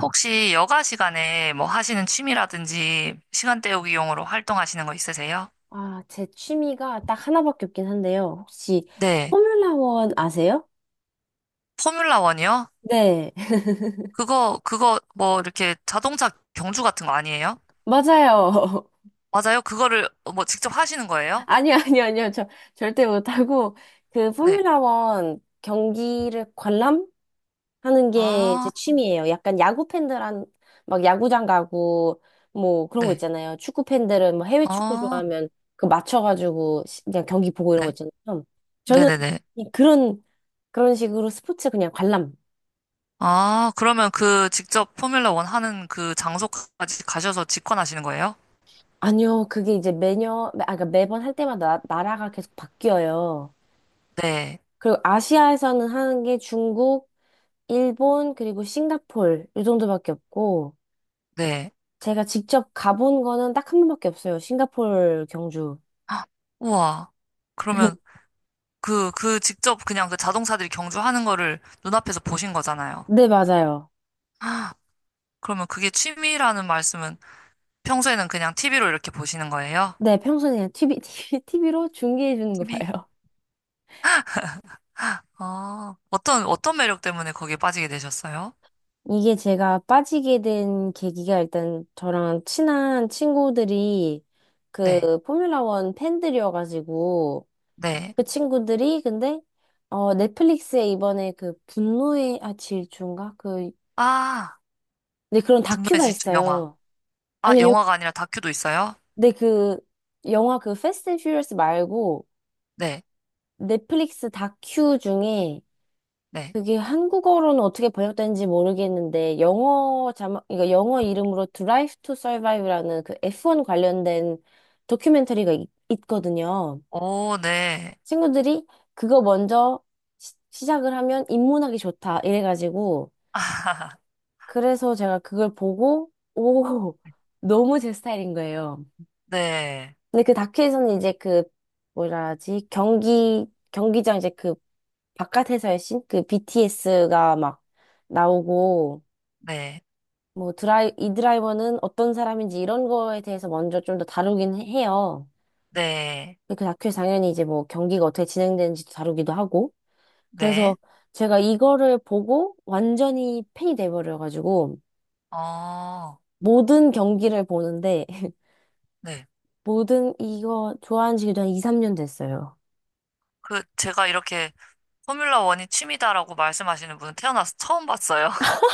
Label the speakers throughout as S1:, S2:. S1: 혹시 여가 시간에 뭐 하시는 취미라든지 시간 때우기용으로 활동하시는 거 있으세요?
S2: 아, 제 취미가 딱 하나밖에 없긴 한데요. 혹시
S1: 네.
S2: 포뮬라 원 아세요?
S1: 포뮬라 원이요?
S2: 네,
S1: 그거 뭐 이렇게 자동차 경주 같은 거 아니에요?
S2: 맞아요.
S1: 맞아요? 그거를 뭐 직접 하시는 거예요?
S2: 아니요, 아니요, 아니요. 저 절대 못하고 그
S1: 네.
S2: 포뮬라 원 경기를 관람하는 게 제
S1: 아,
S2: 취미예요. 약간 야구 팬들한 막 야구장 가고 뭐 그런 거
S1: 네.
S2: 있잖아요. 축구 팬들은 뭐 해외 축구
S1: 아,
S2: 좋아하면 그 맞춰가지고 그냥 경기 보고 이런 거
S1: 네.
S2: 있잖아요. 저는
S1: 네네네.
S2: 그냥 그런 식으로 스포츠 그냥 관람.
S1: 아, 그러면 그 직접 포뮬라 원 하는 그 장소까지 가셔서 직관하시는 거예요?
S2: 아니요, 그게 이제 매년, 아, 그러니까 매번 할 때마다 나, 라가 계속 바뀌어요.
S1: 네.
S2: 그리고 아시아에서는 하는 게 중국, 일본, 그리고 싱가폴, 이 정도밖에 없고,
S1: 네.
S2: 제가 직접 가본 거는 딱 한 번밖에 없어요. 싱가폴, 경주.
S1: 헉, 우와. 그러면 그, 그 직접 그냥 그 자동차들이 경주하는 거를 눈앞에서 보신 거잖아요.
S2: 네, 맞아요.
S1: 아, 그러면 그게 취미라는 말씀은 평소에는 그냥 TV로 이렇게 보시는 거예요?
S2: 네, 평소에 그냥 TV로 중계해 주는 거
S1: TV?
S2: 봐요.
S1: 아, 어떤, 어떤 매력 때문에 거기에 빠지게 되셨어요?
S2: 이게 제가 빠지게 된 계기가 일단 저랑 친한 친구들이
S1: 네,
S2: 그 포뮬라 원 팬들이어가지고,
S1: 네.
S2: 그 친구들이 근데 넷플릭스에 이번에 그 분노의 질주인가 그
S1: 아,
S2: 네, 그런
S1: 분노의
S2: 다큐가
S1: 질주 영화.
S2: 있어요.
S1: 아,
S2: 아니 아니요.
S1: 영화가 아니라 다큐도 있어요?
S2: 네, 그 영화 그 패스트 앤 퓨리어스 말고
S1: 네,
S2: 넷플릭스 다큐 중에
S1: 네.
S2: 그게 한국어로는 어떻게 번역된지 모르겠는데 영어 자막 그러니까 영어 이름으로 드라이브 투 서바이브라는 그 F1 관련된 다큐멘터리가 있거든요.
S1: 오, 네.
S2: 친구들이 그거 먼저 시작을 하면 입문하기 좋다 이래가지고 그래서 제가 그걸 보고, 오, 너무 제 스타일인 거예요.
S1: 네,
S2: 근데 그 다큐에서는 이제 그, 뭐라 하지, 경기장 이제 그 바깥에서의 씬? 그 BTS가 막 나오고,
S1: 네,
S2: 뭐 이 드라이버는 어떤 사람인지 이런 거에 대해서 먼저 좀 더 다루긴 해요.
S1: 네,
S2: 근데 그 다큐에 당연히 이제 뭐 경기가 어떻게 진행되는지도 다루기도 하고.
S1: 네.
S2: 그래서 제가 이거를 보고 완전히 팬이 돼버려가지고
S1: 어,
S2: 모든 경기를 보는데
S1: 네.
S2: 모든 이거 좋아하는 지 그냥 2, 3년 됐어요.
S1: 그, 제가 이렇게 포뮬러 원이 취미다라고 말씀하시는 분은 태어나서 처음 봤어요.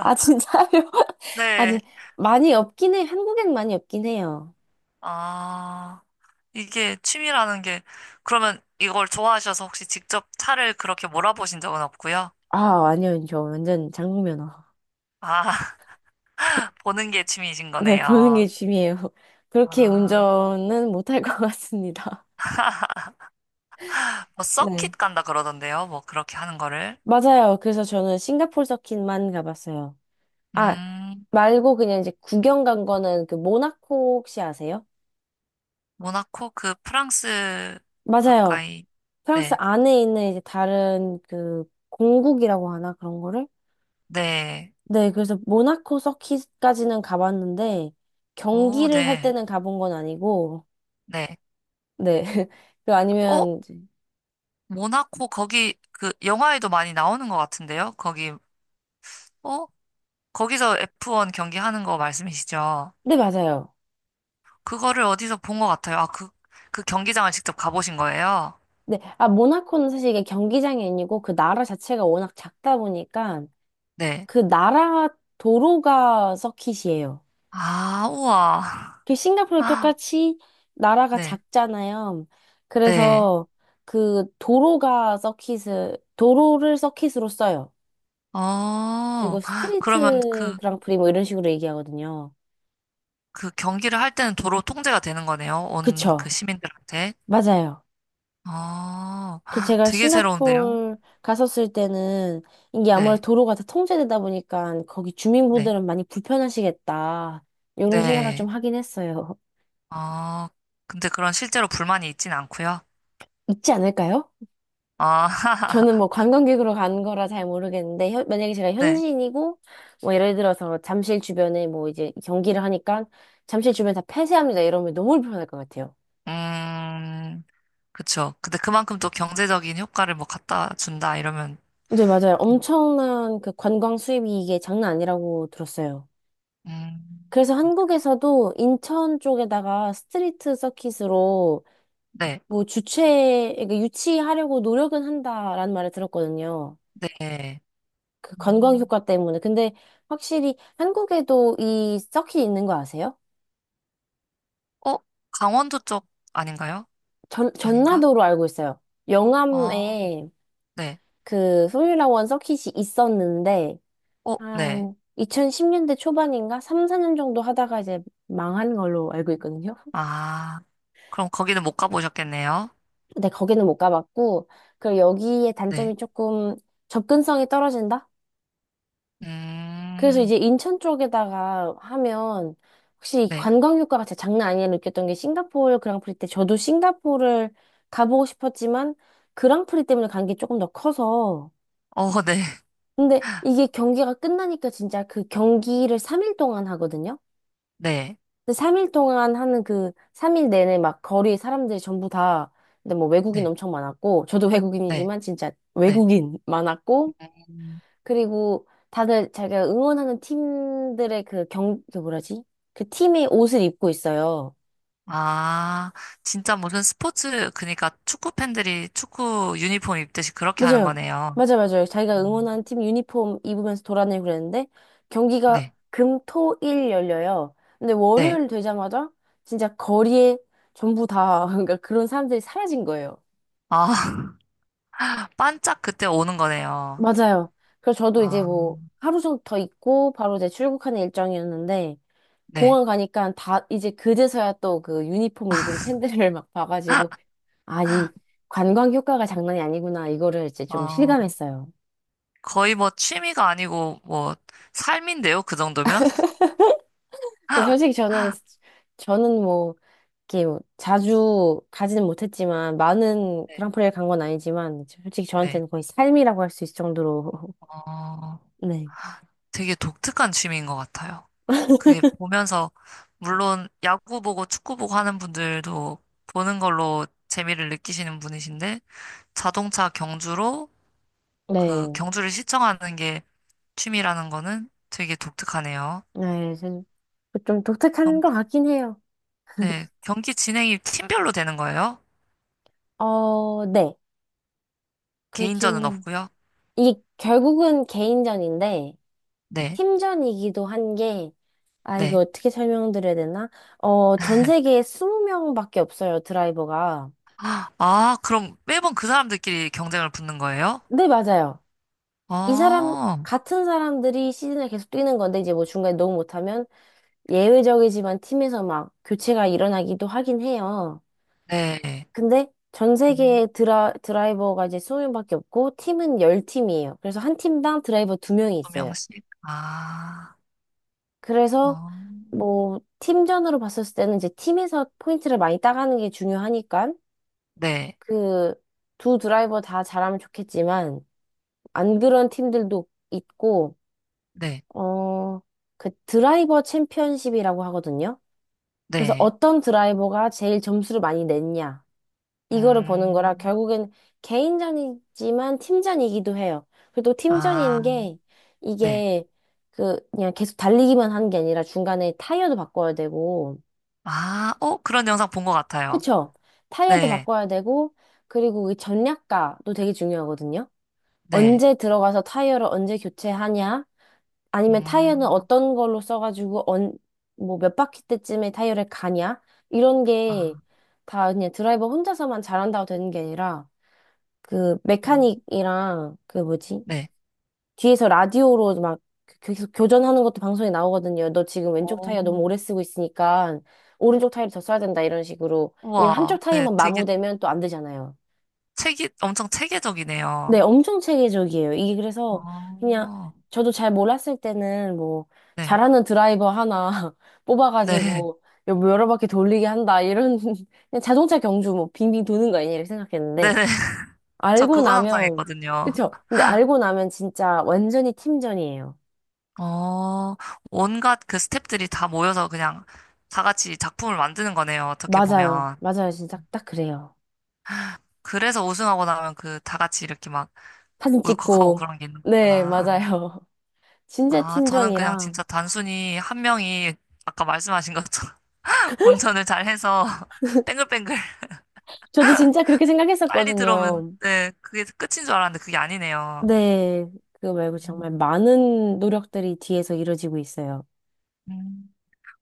S2: 아, 진짜요? 아직
S1: 네.
S2: 많이 없긴 해. 한국엔 많이 없긴 해요.
S1: 아, 이게 취미라는 게, 그러면 이걸 좋아하셔서 혹시 직접 차를 그렇게 몰아보신 적은 없고요?
S2: 아, 아니요. 저 완전 장국면허.
S1: 아, 보는 게 취미이신
S2: 네, 보는 게
S1: 거네요.
S2: 취미예요. 그렇게
S1: 아,
S2: 운전은 못할 것 같습니다.
S1: 뭐
S2: 네.
S1: 서킷 간다 그러던데요. 뭐 그렇게 하는 거를.
S2: 맞아요. 그래서 저는 싱가포르 서킷만 가봤어요. 아,
S1: 음,
S2: 말고 그냥 이제 구경 간 거는 그 모나코 혹시 아세요?
S1: 모나코 그 프랑스
S2: 맞아요.
S1: 가까이.
S2: 프랑스
S1: 네.
S2: 안에 있는 이제 다른 그 공국이라고 하나 그런 거를
S1: 네.
S2: 네, 그래서 모나코 서킷까지는 가봤는데
S1: 오,
S2: 경기를 할
S1: 네.
S2: 때는 가본 건 아니고
S1: 네.
S2: 네. 그
S1: 어?
S2: 아니면 이제-
S1: 모나코 거기 그 영화에도 많이 나오는 것 같은데요. 거기 어? 거기서 F1 경기 하는 거 말씀이시죠?
S2: 네, 맞아요.
S1: 그거를 어디서 본 것 같아요. 아, 그, 그 경기장을 직접 가보신 거예요?
S2: 네. 아, 모나코는 사실 이게 경기장이 아니고 그 나라 자체가 워낙 작다 보니까
S1: 네.
S2: 그 나라 도로가 서킷이에요.
S1: 아, 우와.
S2: 그 싱가포르
S1: 아,
S2: 똑같이 나라가
S1: 네.
S2: 작잖아요.
S1: 네.
S2: 그래서 그 도로가 서킷을 도로를 서킷으로 써요.
S1: 어,
S2: 그리고
S1: 그러면
S2: 스트리트
S1: 그,
S2: 그랑프리 뭐 이런 식으로 얘기하거든요.
S1: 그 경기를 할 때는 도로 통제가 되는 거네요. 온 그
S2: 그쵸.
S1: 시민들한테.
S2: 맞아요.
S1: 어,
S2: 그 제가
S1: 되게 새로운데요?
S2: 싱가포르 갔었을 때는 이게 아무래도
S1: 네.
S2: 도로가 다 통제되다 보니까 거기
S1: 네.
S2: 주민분들은 많이 불편하시겠다. 이런 생각을 좀
S1: 네.
S2: 하긴 했어요.
S1: 어, 근데 그런 실제로 불만이 있진 않고요.
S2: 있지 않을까요?
S1: 아,
S2: 저는 뭐 관광객으로 간 거라 잘 모르겠는데 만약에 제가
S1: 네.
S2: 현지인이고 뭐 예를 들어서 잠실 주변에 뭐 이제 경기를 하니까 잠실 주변 다 폐쇄합니다 이러면 너무 불편할 것 같아요.
S1: 음, 그쵸. 근데 그만큼 또 경제적인 효과를 뭐 갖다 준다 이러면
S2: 네, 맞아요.
S1: 또,
S2: 엄청난 그 관광 수입이 이게 장난 아니라고 들었어요.
S1: 음,
S2: 그래서 한국에서도 인천 쪽에다가 스트리트 서킷으로
S1: 네,
S2: 뭐 주최, 그러니까 유치하려고 노력은 한다라는 말을 들었거든요.
S1: 네.
S2: 그 관광
S1: 음.
S2: 효과 때문에. 근데 확실히 한국에도 이 서킷 있는 거 아세요?
S1: 어, 강원도 쪽 아닌가요? 아닌가?
S2: 전라도로 알고 있어요.
S1: 어,
S2: 영암에
S1: 네.
S2: 그 포뮬라 원 서킷이 있었는데
S1: 어, 네.
S2: 한 2010년대 초반인가 3, 4년 정도 하다가 이제 망한 걸로 알고 있거든요.
S1: 아, 그럼 거기는 못 가보셨겠네요.
S2: 근데 거기는 못 가봤고, 그리고 여기의
S1: 네.
S2: 단점이 조금 접근성이 떨어진다? 그래서
S1: 음,
S2: 이제 인천 쪽에다가 하면, 혹시 이
S1: 네.
S2: 관광 효과가 진짜 장난 아니라 느꼈던 게 싱가포르 그랑프리 때 저도 싱가포르를 가보고 싶었지만 그랑프리 때문에 간 게 조금 더 커서
S1: 어, 네.
S2: 근데 이게 경기가 끝나니까 진짜 그 경기를 3일 동안 하거든요?
S1: 네.
S2: 근데 3일 동안 하는 그 3일 내내 막 거리에 사람들이 전부 다 근데 뭐 외국인
S1: 네.
S2: 엄청 많았고 저도
S1: 네.
S2: 외국인이지만 진짜
S1: 네.
S2: 외국인 많았고
S1: 음.
S2: 그리고 다들 자기가 응원하는 팀들의 그 그 뭐라지? 그 팀의 옷을 입고 있어요.
S1: 아, 진짜 무슨 스포츠, 그러니까 축구 팬들이 축구 유니폼 입듯이 그렇게 하는
S2: 맞아요.
S1: 거네요.
S2: 맞아요. 자기가
S1: 음,
S2: 응원하는 팀 유니폼 입으면서 돌아다니고 그랬는데 경기가
S1: 네.
S2: 금, 토, 일 열려요. 근데
S1: 네.
S2: 월요일 되자마자 진짜 거리에 전부 다 그러니까 그런 사람들이 사라진 거예요.
S1: 아, 반짝 그때 오는 거네요.
S2: 맞아요. 그래서 저도 이제
S1: 아,
S2: 뭐 하루 정도 더 있고 바로 이제 출국하는 일정이었는데
S1: 네.
S2: 공항 가니까 다 이제 그제서야 또 그 유니폼 입은 팬들을 막 봐가지고 아, 이 관광 효과가 장난이 아니구나 이거를 이제 좀
S1: 어,
S2: 실감했어요.
S1: 거의 뭐 취미가 아니고 뭐 삶인데요, 그 정도면?
S2: 근데 솔직히 저는 뭐 이렇게 뭐 자주 가지는 못했지만 많은
S1: 네.
S2: 그랑프리를 간 건 아니지만 솔직히
S1: 네.
S2: 저한테는 거의 삶이라고 할 수 있을 정도로
S1: 어,
S2: 네.
S1: 되게 독특한 취미인 것 같아요. 그게 보면서, 물론 야구 보고 축구 보고 하는 분들도 보는 걸로 재미를 느끼시는 분이신데, 자동차 경주로 그
S2: 네.
S1: 경주를 시청하는 게 취미라는 거는 되게 독특하네요.
S2: 네. 좀 독특한
S1: 경,
S2: 것 같긴 해요.
S1: 네. 경기 진행이 팀별로 되는 거예요?
S2: 어, 네. 그기
S1: 개인전은
S2: 는
S1: 없고요.
S2: 이게 결국은 개인전인데,
S1: 네,
S2: 팀전이기도 한 게, 아, 이거
S1: 네.
S2: 어떻게 설명드려야 되나? 어, 전 세계에 20명밖에 없어요, 드라이버가.
S1: 아, 그럼 매번 그 사람들끼리 경쟁을 붙는 거예요?
S2: 네, 맞아요. 이 사람,
S1: 어,
S2: 같은 사람들이 시즌을 계속 뛰는 건데, 이제 뭐 중간에 너무 못하면 예외적이지만 팀에서 막 교체가 일어나기도 하긴 해요.
S1: 네.
S2: 근데 전
S1: 음,
S2: 세계에 드라이버가 이제 20명밖에 없고, 팀은 10팀이에요. 그래서 한 팀당 드라이버 2명이 있어요.
S1: 조명식. 아,
S2: 그래서
S1: 어,
S2: 뭐 팀전으로 봤을 때는 이제 팀에서 포인트를 많이 따가는 게 중요하니까
S1: 네,
S2: 그 두 드라이버 다 잘하면 좋겠지만 안 그런 팀들도 있고
S1: 네,
S2: 어 그 드라이버 챔피언십이라고 하거든요. 그래서
S1: 네.
S2: 어떤 드라이버가 제일 점수를 많이 냈냐 이거를 보는 거라
S1: 음,
S2: 결국엔 개인전이지만 팀전이기도 해요. 그리고 또
S1: 아,
S2: 팀전인 게
S1: 네.
S2: 이게 그 그냥 계속 달리기만 하는 게 아니라 중간에 타이어도 바꿔야 되고
S1: 아, 어, 그런 영상 본 것 같아요.
S2: 그쵸? 타이어도
S1: 네,
S2: 바꿔야 되고, 그리고 이 전략가도 되게 중요하거든요.
S1: 네.
S2: 언제 들어가서 타이어를 언제 교체하냐? 아니면 타이어는
S1: 음,
S2: 어떤 걸로 써가지고, 언, 뭐 몇 바퀴 때쯤에 타이어를 가냐? 이런 게
S1: 아,
S2: 다 그냥 드라이버 혼자서만 잘한다고 되는 게 아니라, 그
S1: 음,
S2: 메카닉이랑 그 뭐지?
S1: 네.
S2: 뒤에서 라디오로 막 계속 교전하는 것도 방송에 나오거든요. 너 지금 왼쪽
S1: 오,
S2: 타이어 너무 오래 쓰고 있으니까 오른쪽 타이어를 더 써야 된다 이런 식으로. 왜냐면
S1: 우와,
S2: 한쪽
S1: 네.
S2: 타이어만
S1: 되게
S2: 마모되면 또 안 되잖아요.
S1: 체계, 엄청
S2: 네,
S1: 체계적이네요.
S2: 엄청 체계적이에요. 이게 그래서 그냥
S1: 어,
S2: 저도 잘 몰랐을 때는 뭐
S1: 네,
S2: 잘하는 드라이버 하나
S1: 네,
S2: 뽑아가지고 여러 바퀴 돌리게 한다 이런 그냥 자동차 경주 뭐 빙빙 도는 거 아니냐 이렇게
S1: 네.
S2: 생각했는데
S1: 네. 저
S2: 알고
S1: 그거
S2: 나면
S1: 상상했거든요.
S2: 그쵸? 근데 알고 나면 진짜 완전히 팀전이에요.
S1: 어, 온갖 그 스태프들이 다 모여서 그냥 다 같이 작품을 만드는 거네요. 어떻게
S2: 맞아요.
S1: 보면.
S2: 맞아요. 진짜 딱 그래요.
S1: 그래서 우승하고 나면 그 다 같이 이렇게 막
S2: 사진
S1: 울컥하고
S2: 찍고.
S1: 그런 게 있는
S2: 네,
S1: 거구나.
S2: 맞아요. 진짜
S1: 아, 저는 그냥 진짜
S2: 팀전이랑.
S1: 단순히 한 명이 아까 말씀하신 것처럼 운전을 잘 해서 뱅글뱅글
S2: 저도 진짜 그렇게
S1: 빨리 들어오면
S2: 생각했었거든요.
S1: 네, 그게 끝인 줄 알았는데 그게 아니네요.
S2: 네. 그거 말고 정말 많은 노력들이 뒤에서 이루어지고 있어요.
S1: 음.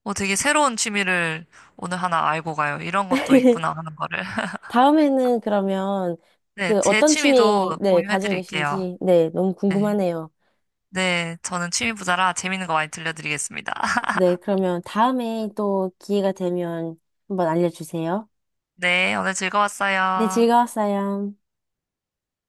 S1: 어, 되게 새로운 취미를 오늘 하나 알고 가요. 이런 것도 있구나 하는 거를.
S2: 다음에는 그러면
S1: 네,
S2: 그
S1: 제
S2: 어떤 취미,
S1: 취미도
S2: 네,
S1: 공유해
S2: 가지고
S1: 드릴게요.
S2: 계신지, 네, 너무
S1: 네,
S2: 궁금하네요.
S1: 네, 저는 취미 부자라 재밌는 거 많이 들려드리겠습니다.
S2: 네, 그러면 다음에 또 기회가 되면 한번 알려주세요.
S1: 네, 오늘
S2: 네,
S1: 즐거웠어요.
S2: 즐거웠어요.